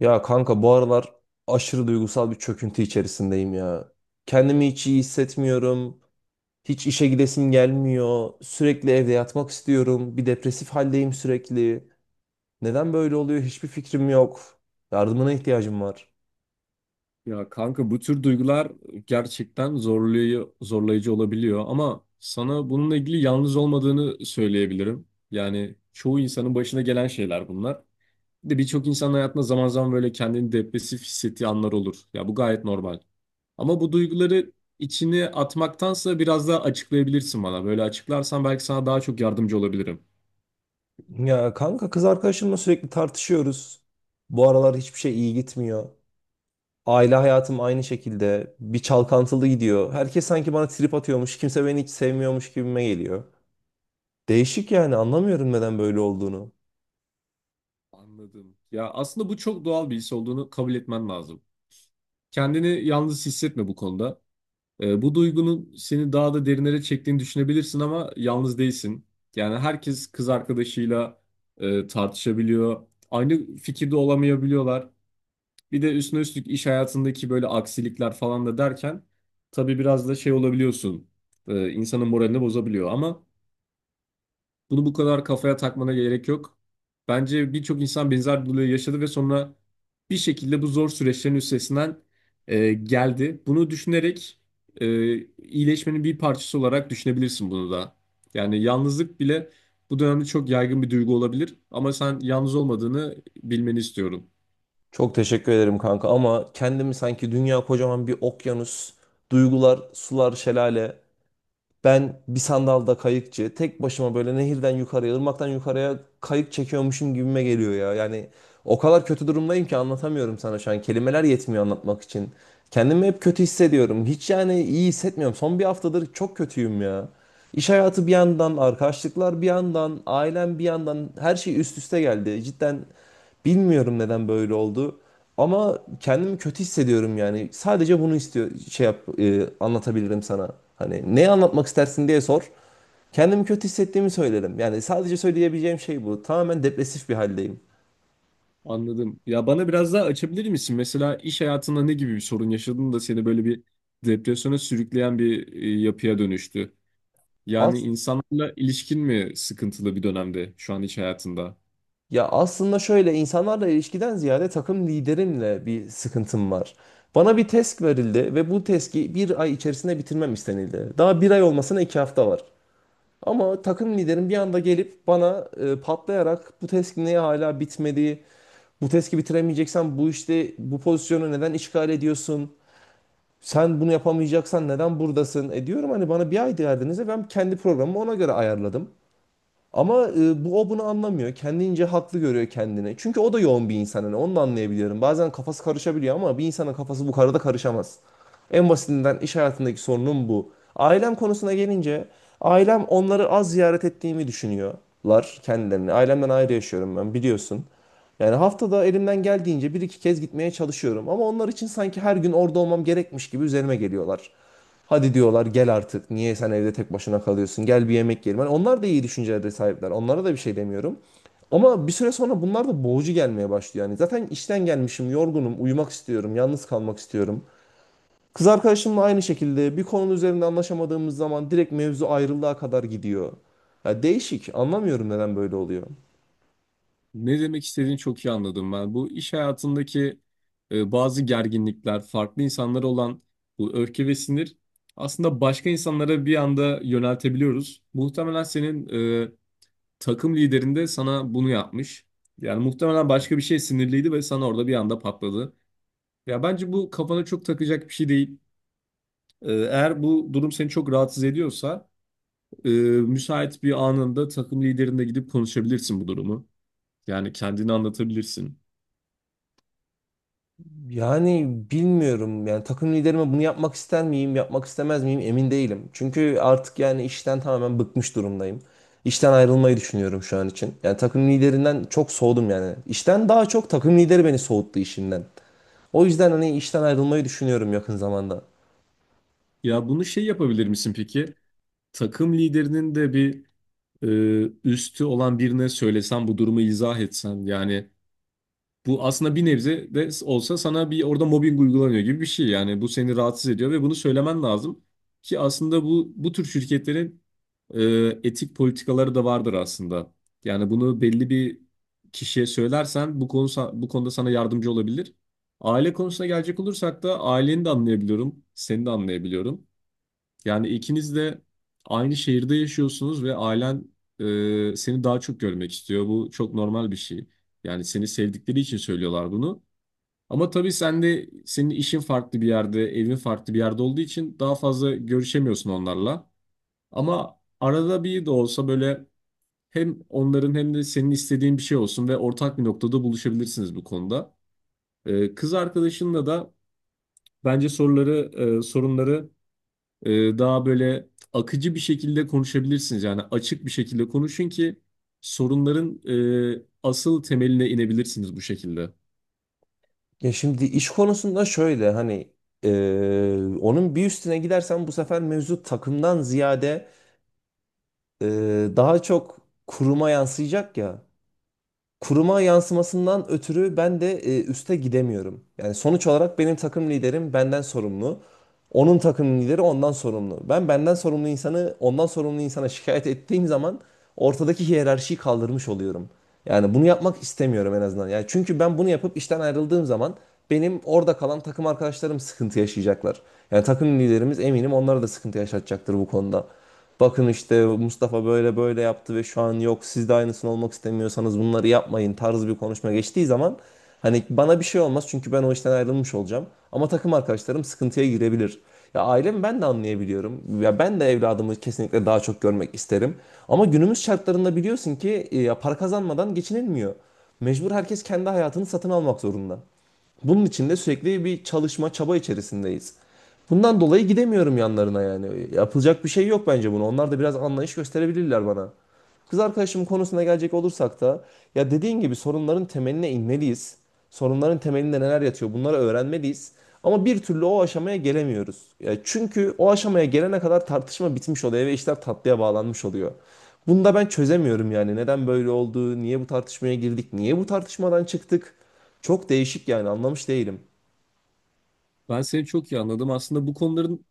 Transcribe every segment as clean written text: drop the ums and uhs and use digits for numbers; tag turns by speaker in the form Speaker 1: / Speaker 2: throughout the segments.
Speaker 1: Ya kanka bu aralar aşırı duygusal bir çöküntü içerisindeyim ya. Kendimi hiç iyi hissetmiyorum. Hiç işe gidesim gelmiyor. Sürekli evde yatmak istiyorum. Bir depresif haldeyim sürekli. Neden böyle oluyor hiçbir fikrim yok. Yardımına ihtiyacım var.
Speaker 2: Ya kanka bu tür duygular gerçekten zorlayıcı olabiliyor ama sana bununla ilgili yalnız olmadığını söyleyebilirim. Yani çoğu insanın başına gelen şeyler bunlar. Bir de birçok insanın hayatında zaman zaman böyle kendini depresif hissettiği anlar olur. Ya bu gayet normal. Ama bu duyguları içine atmaktansa biraz daha açıklayabilirsin bana. Böyle açıklarsan belki sana daha çok yardımcı olabilirim.
Speaker 1: Ya kanka kız arkadaşımla sürekli tartışıyoruz. Bu aralar hiçbir şey iyi gitmiyor. Aile hayatım aynı şekilde. Bir çalkantılı gidiyor. Herkes sanki bana trip atıyormuş. Kimse beni hiç sevmiyormuş gibime geliyor. Değişik yani anlamıyorum neden böyle olduğunu.
Speaker 2: Anladım. Ya aslında bu çok doğal bir his olduğunu kabul etmen lazım. Kendini yalnız hissetme bu konuda. Bu duygunun seni daha da derinlere çektiğini düşünebilirsin ama yalnız değilsin. Yani herkes kız arkadaşıyla tartışabiliyor. Aynı fikirde olamayabiliyorlar. Bir de üstüne üstlük iş hayatındaki böyle aksilikler falan da derken tabii biraz da şey olabiliyorsun. İnsanın moralini bozabiliyor ama bunu bu kadar kafaya takmana gerek yok. Bence birçok insan benzer bir olayı yaşadı ve sonra bir şekilde bu zor süreçlerin üstesinden geldi. Bunu düşünerek iyileşmenin bir parçası olarak düşünebilirsin bunu da. Yani yalnızlık bile bu dönemde çok yaygın bir duygu olabilir ama sen yalnız olmadığını bilmeni istiyorum.
Speaker 1: Çok teşekkür ederim kanka, ama kendimi sanki dünya kocaman bir okyanus, duygular, sular, şelale. Ben bir sandalda kayıkçı, tek başıma böyle nehirden yukarıya, ırmaktan yukarıya kayık çekiyormuşum gibime geliyor ya. Yani o kadar kötü durumdayım ki anlatamıyorum sana şu an. Kelimeler yetmiyor anlatmak için. Kendimi hep kötü hissediyorum. Hiç yani iyi hissetmiyorum. Son bir haftadır çok kötüyüm ya. İş hayatı bir yandan, arkadaşlıklar bir yandan, ailem bir yandan her şey üst üste geldi. Cidden bilmiyorum neden böyle oldu. Ama kendimi kötü hissediyorum yani. Sadece bunu istiyor şey yap anlatabilirim sana. Hani ne anlatmak istersin diye sor. Kendimi kötü hissettiğimi söylerim. Yani sadece söyleyebileceğim şey bu. Tamamen depresif bir haldeyim.
Speaker 2: Anladım. Ya bana biraz daha açabilir misin? Mesela iş hayatında ne gibi bir sorun yaşadın da seni böyle bir depresyona sürükleyen bir yapıya dönüştü? Yani
Speaker 1: As
Speaker 2: insanlarla ilişkin mi sıkıntılı bir dönemde şu an iş hayatında?
Speaker 1: ya aslında şöyle insanlarla ilişkiden ziyade takım liderimle bir sıkıntım var. Bana bir task verildi ve bu task'i bir ay içerisinde bitirmem istenildi. Daha bir ay olmasına 2 hafta var. Ama takım liderim bir anda gelip bana patlayarak, bu task niye hala bitmedi? Bu task'i bitiremeyeceksen bu işte bu pozisyonu neden işgal ediyorsun? Sen bunu yapamayacaksan neden buradasın? E diyorum, hani bana bir ay verdiniz ve ben kendi programımı ona göre ayarladım. Ama bu o bunu anlamıyor. Kendince haklı görüyor kendini. Çünkü o da yoğun bir insan. Hani onu da anlayabiliyorum. Bazen kafası karışabiliyor ama bir insanın kafası bu kadar da karışamaz. En basitinden iş hayatındaki sorunum bu. Ailem konusuna gelince, ailem onları az ziyaret ettiğimi düşünüyorlar kendilerini. Ailemden ayrı yaşıyorum ben, biliyorsun. Yani haftada elimden geldiğince bir iki kez gitmeye çalışıyorum. Ama onlar için sanki her gün orada olmam gerekmiş gibi üzerime geliyorlar. Hadi diyorlar, gel artık. Niye sen evde tek başına kalıyorsun? Gel bir yemek yiyelim. Hani onlar da iyi düşüncelere sahipler. Onlara da bir şey demiyorum. Ama bir süre sonra bunlar da boğucu gelmeye başlıyor. Yani zaten işten gelmişim, yorgunum, uyumak istiyorum, yalnız kalmak istiyorum. Kız arkadaşımla aynı şekilde, bir konunun üzerinde anlaşamadığımız zaman direkt mevzu ayrılığa kadar gidiyor. Ya değişik. Anlamıyorum neden böyle oluyor.
Speaker 2: Ne demek istediğini çok iyi anladım ben. Bu iş hayatındaki bazı gerginlikler, farklı insanlara olan bu öfke ve sinir aslında başka insanlara bir anda yöneltebiliyoruz. Muhtemelen senin e, takım liderin de sana bunu yapmış. Yani muhtemelen başka bir şey sinirliydi ve sana orada bir anda patladı. Ya bence bu kafana çok takacak bir şey değil. E, eğer bu durum seni çok rahatsız ediyorsa müsait bir anında takım liderine gidip konuşabilirsin bu durumu. Yani kendini anlatabilirsin.
Speaker 1: Yani bilmiyorum yani takım liderime bunu yapmak ister miyim, yapmak istemez miyim emin değilim. Çünkü artık yani işten tamamen bıkmış durumdayım. İşten ayrılmayı düşünüyorum şu an için. Yani takım liderinden çok soğudum yani. İşten daha çok takım lideri beni soğuttu işinden. O yüzden hani işten ayrılmayı düşünüyorum yakın zamanda.
Speaker 2: Ya bunu şey yapabilir misin peki? Takım liderinin de bir e, üstü olan birine söylesen bu durumu izah etsen yani. Bu aslında bir nebze de olsa sana bir orada mobbing uygulanıyor gibi bir şey. Yani bu seni rahatsız ediyor ve bunu söylemen lazım. Ki aslında bu tür şirketlerin e, etik politikaları da vardır aslında. Yani bunu belli bir kişiye söylersen bu bu konuda sana yardımcı olabilir. Aile konusuna gelecek olursak da aileni de anlayabiliyorum, seni de anlayabiliyorum. Yani ikiniz de aynı şehirde yaşıyorsunuz ve ailen seni daha çok görmek istiyor. Bu çok normal bir şey. Yani seni sevdikleri için söylüyorlar bunu. Ama tabii sen de senin işin farklı bir yerde, evin farklı bir yerde olduğu için daha fazla görüşemiyorsun onlarla. Ama arada bir de olsa böyle hem onların hem de senin istediğin bir şey olsun ve ortak bir noktada buluşabilirsiniz bu konuda. E, kız arkadaşınla da bence soruları, sorunları daha böyle akıcı bir şekilde konuşabilirsiniz. Yani açık bir şekilde konuşun ki sorunların asıl temeline inebilirsiniz bu şekilde.
Speaker 1: Ya şimdi iş konusunda şöyle, hani onun bir üstüne gidersem bu sefer mevzu takımdan ziyade, eee, daha çok kuruma yansıyacak ya. Kuruma yansımasından ötürü ben de üste gidemiyorum. Yani sonuç olarak benim takım liderim benden sorumlu. Onun takım lideri ondan sorumlu. Ben benden sorumlu insanı ondan sorumlu insana şikayet ettiğim zaman ortadaki hiyerarşiyi kaldırmış oluyorum. Yani bunu yapmak istemiyorum en azından. Yani çünkü ben bunu yapıp işten ayrıldığım zaman benim orada kalan takım arkadaşlarım sıkıntı yaşayacaklar. Yani takım liderimiz eminim onlara da sıkıntı yaşatacaktır bu konuda. Bakın işte Mustafa böyle böyle yaptı ve şu an yok, siz de aynısını olmak istemiyorsanız bunları yapmayın tarzı bir konuşma geçtiği zaman, hani bana bir şey olmaz çünkü ben o işten ayrılmış olacağım. Ama takım arkadaşlarım sıkıntıya girebilir. Ya ailemi ben de anlayabiliyorum. Ya ben de evladımı kesinlikle daha çok görmek isterim. Ama günümüz şartlarında biliyorsun ki ya para kazanmadan geçinilmiyor. Mecbur herkes kendi hayatını satın almak zorunda. Bunun için de sürekli bir çalışma, çaba içerisindeyiz. Bundan dolayı gidemiyorum yanlarına yani. Yapılacak bir şey yok bence bunu. Onlar da biraz anlayış gösterebilirler bana. Kız arkadaşım konusuna gelecek olursak da, ya dediğin gibi sorunların temeline inmeliyiz. Sorunların temelinde neler yatıyor, bunları öğrenmeliyiz. Ama bir türlü o aşamaya gelemiyoruz. Ya çünkü o aşamaya gelene kadar tartışma bitmiş oluyor ve işler tatlıya bağlanmış oluyor. Bunu da ben çözemiyorum yani. Neden böyle oldu? Niye bu tartışmaya girdik? Niye bu tartışmadan çıktık? Çok değişik yani anlamış değilim.
Speaker 2: Ben seni çok iyi anladım. Aslında bu konuların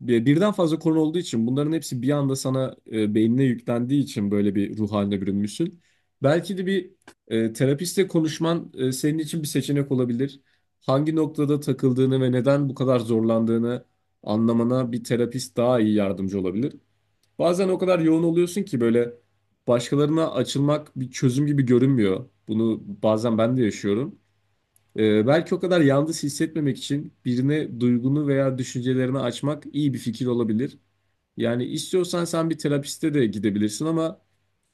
Speaker 2: Birden fazla konu olduğu için bunların hepsi bir anda sana beynine yüklendiği için böyle bir ruh haline bürünmüşsün. Belki de bir terapistle konuşman senin için bir seçenek olabilir. Hangi noktada takıldığını ve neden bu kadar zorlandığını anlamana bir terapist daha iyi yardımcı olabilir. Bazen o kadar yoğun oluyorsun ki böyle başkalarına açılmak bir çözüm gibi görünmüyor. Bunu bazen ben de yaşıyorum. Belki o kadar yalnız hissetmemek için birine duygunu veya düşüncelerini açmak iyi bir fikir olabilir. Yani istiyorsan sen bir terapiste de gidebilirsin ama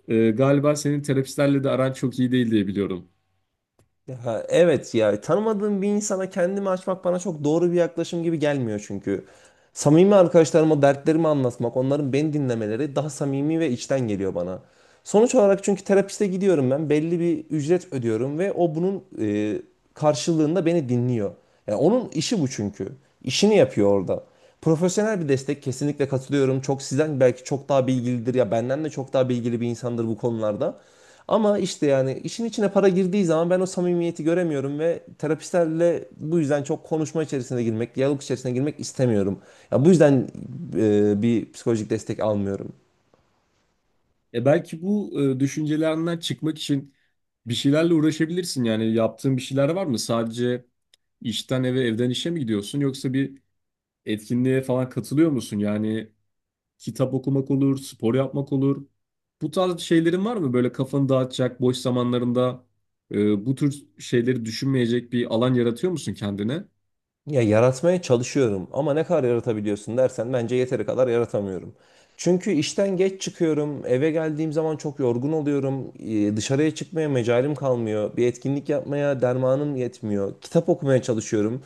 Speaker 2: galiba senin terapistlerle de aran çok iyi değil diye biliyorum.
Speaker 1: Ha, evet, ya tanımadığım bir insana kendimi açmak bana çok doğru bir yaklaşım gibi gelmiyor çünkü. Samimi arkadaşlarıma dertlerimi anlatmak, onların beni dinlemeleri daha samimi ve içten geliyor bana. Sonuç olarak çünkü terapiste gidiyorum ben, belli bir ücret ödüyorum ve o bunun karşılığında beni dinliyor. Yani onun işi bu çünkü. İşini yapıyor orada. Profesyonel bir destek, kesinlikle katılıyorum. Çok sizden belki çok daha bilgilidir, ya benden de çok daha bilgili bir insandır bu konularda. Ama işte yani işin içine para girdiği zaman ben o samimiyeti göremiyorum ve terapistlerle bu yüzden çok konuşma içerisine girmek, diyalog içerisine girmek istemiyorum. Ya bu yüzden bir psikolojik destek almıyorum.
Speaker 2: E, belki bu düşüncelerinden çıkmak için bir şeylerle uğraşabilirsin. Yani yaptığın bir şeyler var mı? Sadece işten eve, evden işe mi gidiyorsun yoksa bir etkinliğe falan katılıyor musun? Yani kitap okumak olur, spor yapmak olur. Bu tarz şeylerin var mı? Böyle kafanı dağıtacak, boş zamanlarında bu tür şeyleri düşünmeyecek bir alan yaratıyor musun kendine?
Speaker 1: Ya yaratmaya çalışıyorum ama ne kadar yaratabiliyorsun dersen bence yeteri kadar yaratamıyorum. Çünkü işten geç çıkıyorum, eve geldiğim zaman çok yorgun oluyorum, dışarıya çıkmaya mecalim kalmıyor, bir etkinlik yapmaya dermanım yetmiyor, kitap okumaya çalışıyorum.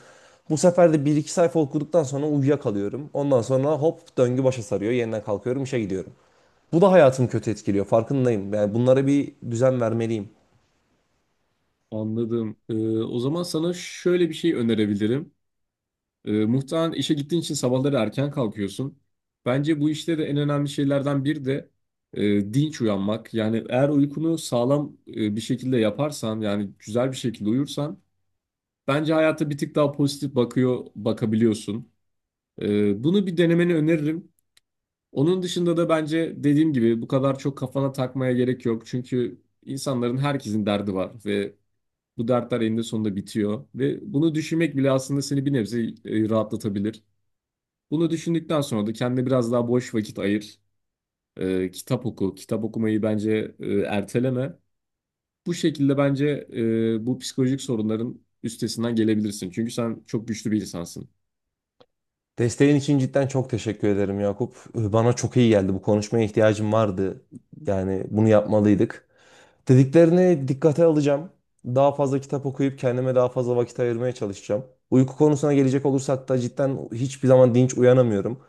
Speaker 1: Bu sefer de bir iki sayfa okuduktan sonra uyuyakalıyorum. Ondan sonra hop döngü başa sarıyor, yeniden kalkıyorum, işe gidiyorum. Bu da hayatımı kötü etkiliyor, farkındayım. Yani bunlara bir düzen vermeliyim.
Speaker 2: Anladım. O zaman sana şöyle bir şey önerebilirim. E, muhtemelen işe gittiğin için sabahları erken kalkıyorsun. Bence bu işte de en önemli şeylerden biri de dinç uyanmak. Yani eğer uykunu sağlam bir şekilde yaparsan, yani güzel bir şekilde uyursan, bence hayata bir tık daha pozitif bakıyor, bakabiliyorsun. Bunu bir denemeni öneririm. Onun dışında da bence dediğim gibi bu kadar çok kafana takmaya gerek yok. Çünkü insanların herkesin derdi var ve bu dertler eninde sonunda bitiyor. Ve bunu düşünmek bile aslında seni bir nebze rahatlatabilir. Bunu düşündükten sonra da kendine biraz daha boş vakit ayır. Kitap oku. Kitap okumayı bence erteleme. Bu şekilde bence bu psikolojik sorunların üstesinden gelebilirsin. Çünkü sen çok güçlü bir insansın.
Speaker 1: Desteğin için cidden çok teşekkür ederim Yakup. Bana çok iyi geldi. Bu konuşmaya ihtiyacım vardı. Yani bunu yapmalıydık. Dediklerini dikkate alacağım. Daha fazla kitap okuyup kendime daha fazla vakit ayırmaya çalışacağım. Uyku konusuna gelecek olursak da cidden hiçbir zaman dinç uyanamıyorum.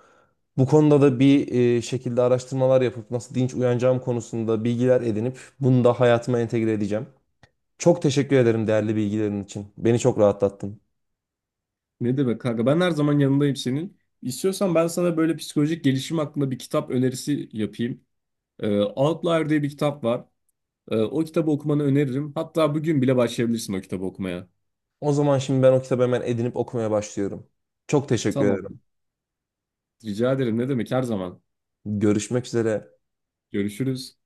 Speaker 1: Bu konuda da bir şekilde araştırmalar yapıp nasıl dinç uyanacağım konusunda bilgiler edinip bunu da hayatıma entegre edeceğim. Çok teşekkür ederim değerli bilgilerin için. Beni çok rahatlattın.
Speaker 2: Ne demek kanka? Ben her zaman yanındayım senin. İstiyorsan ben sana böyle psikolojik gelişim hakkında bir kitap önerisi yapayım. Outlier diye bir kitap var. O kitabı okumanı öneririm. Hatta bugün bile başlayabilirsin o kitabı okumaya.
Speaker 1: O zaman şimdi ben o kitabı hemen edinip okumaya başlıyorum. Çok teşekkür
Speaker 2: Tamam.
Speaker 1: ederim.
Speaker 2: Rica ederim. Ne demek her zaman.
Speaker 1: Görüşmek üzere.
Speaker 2: Görüşürüz.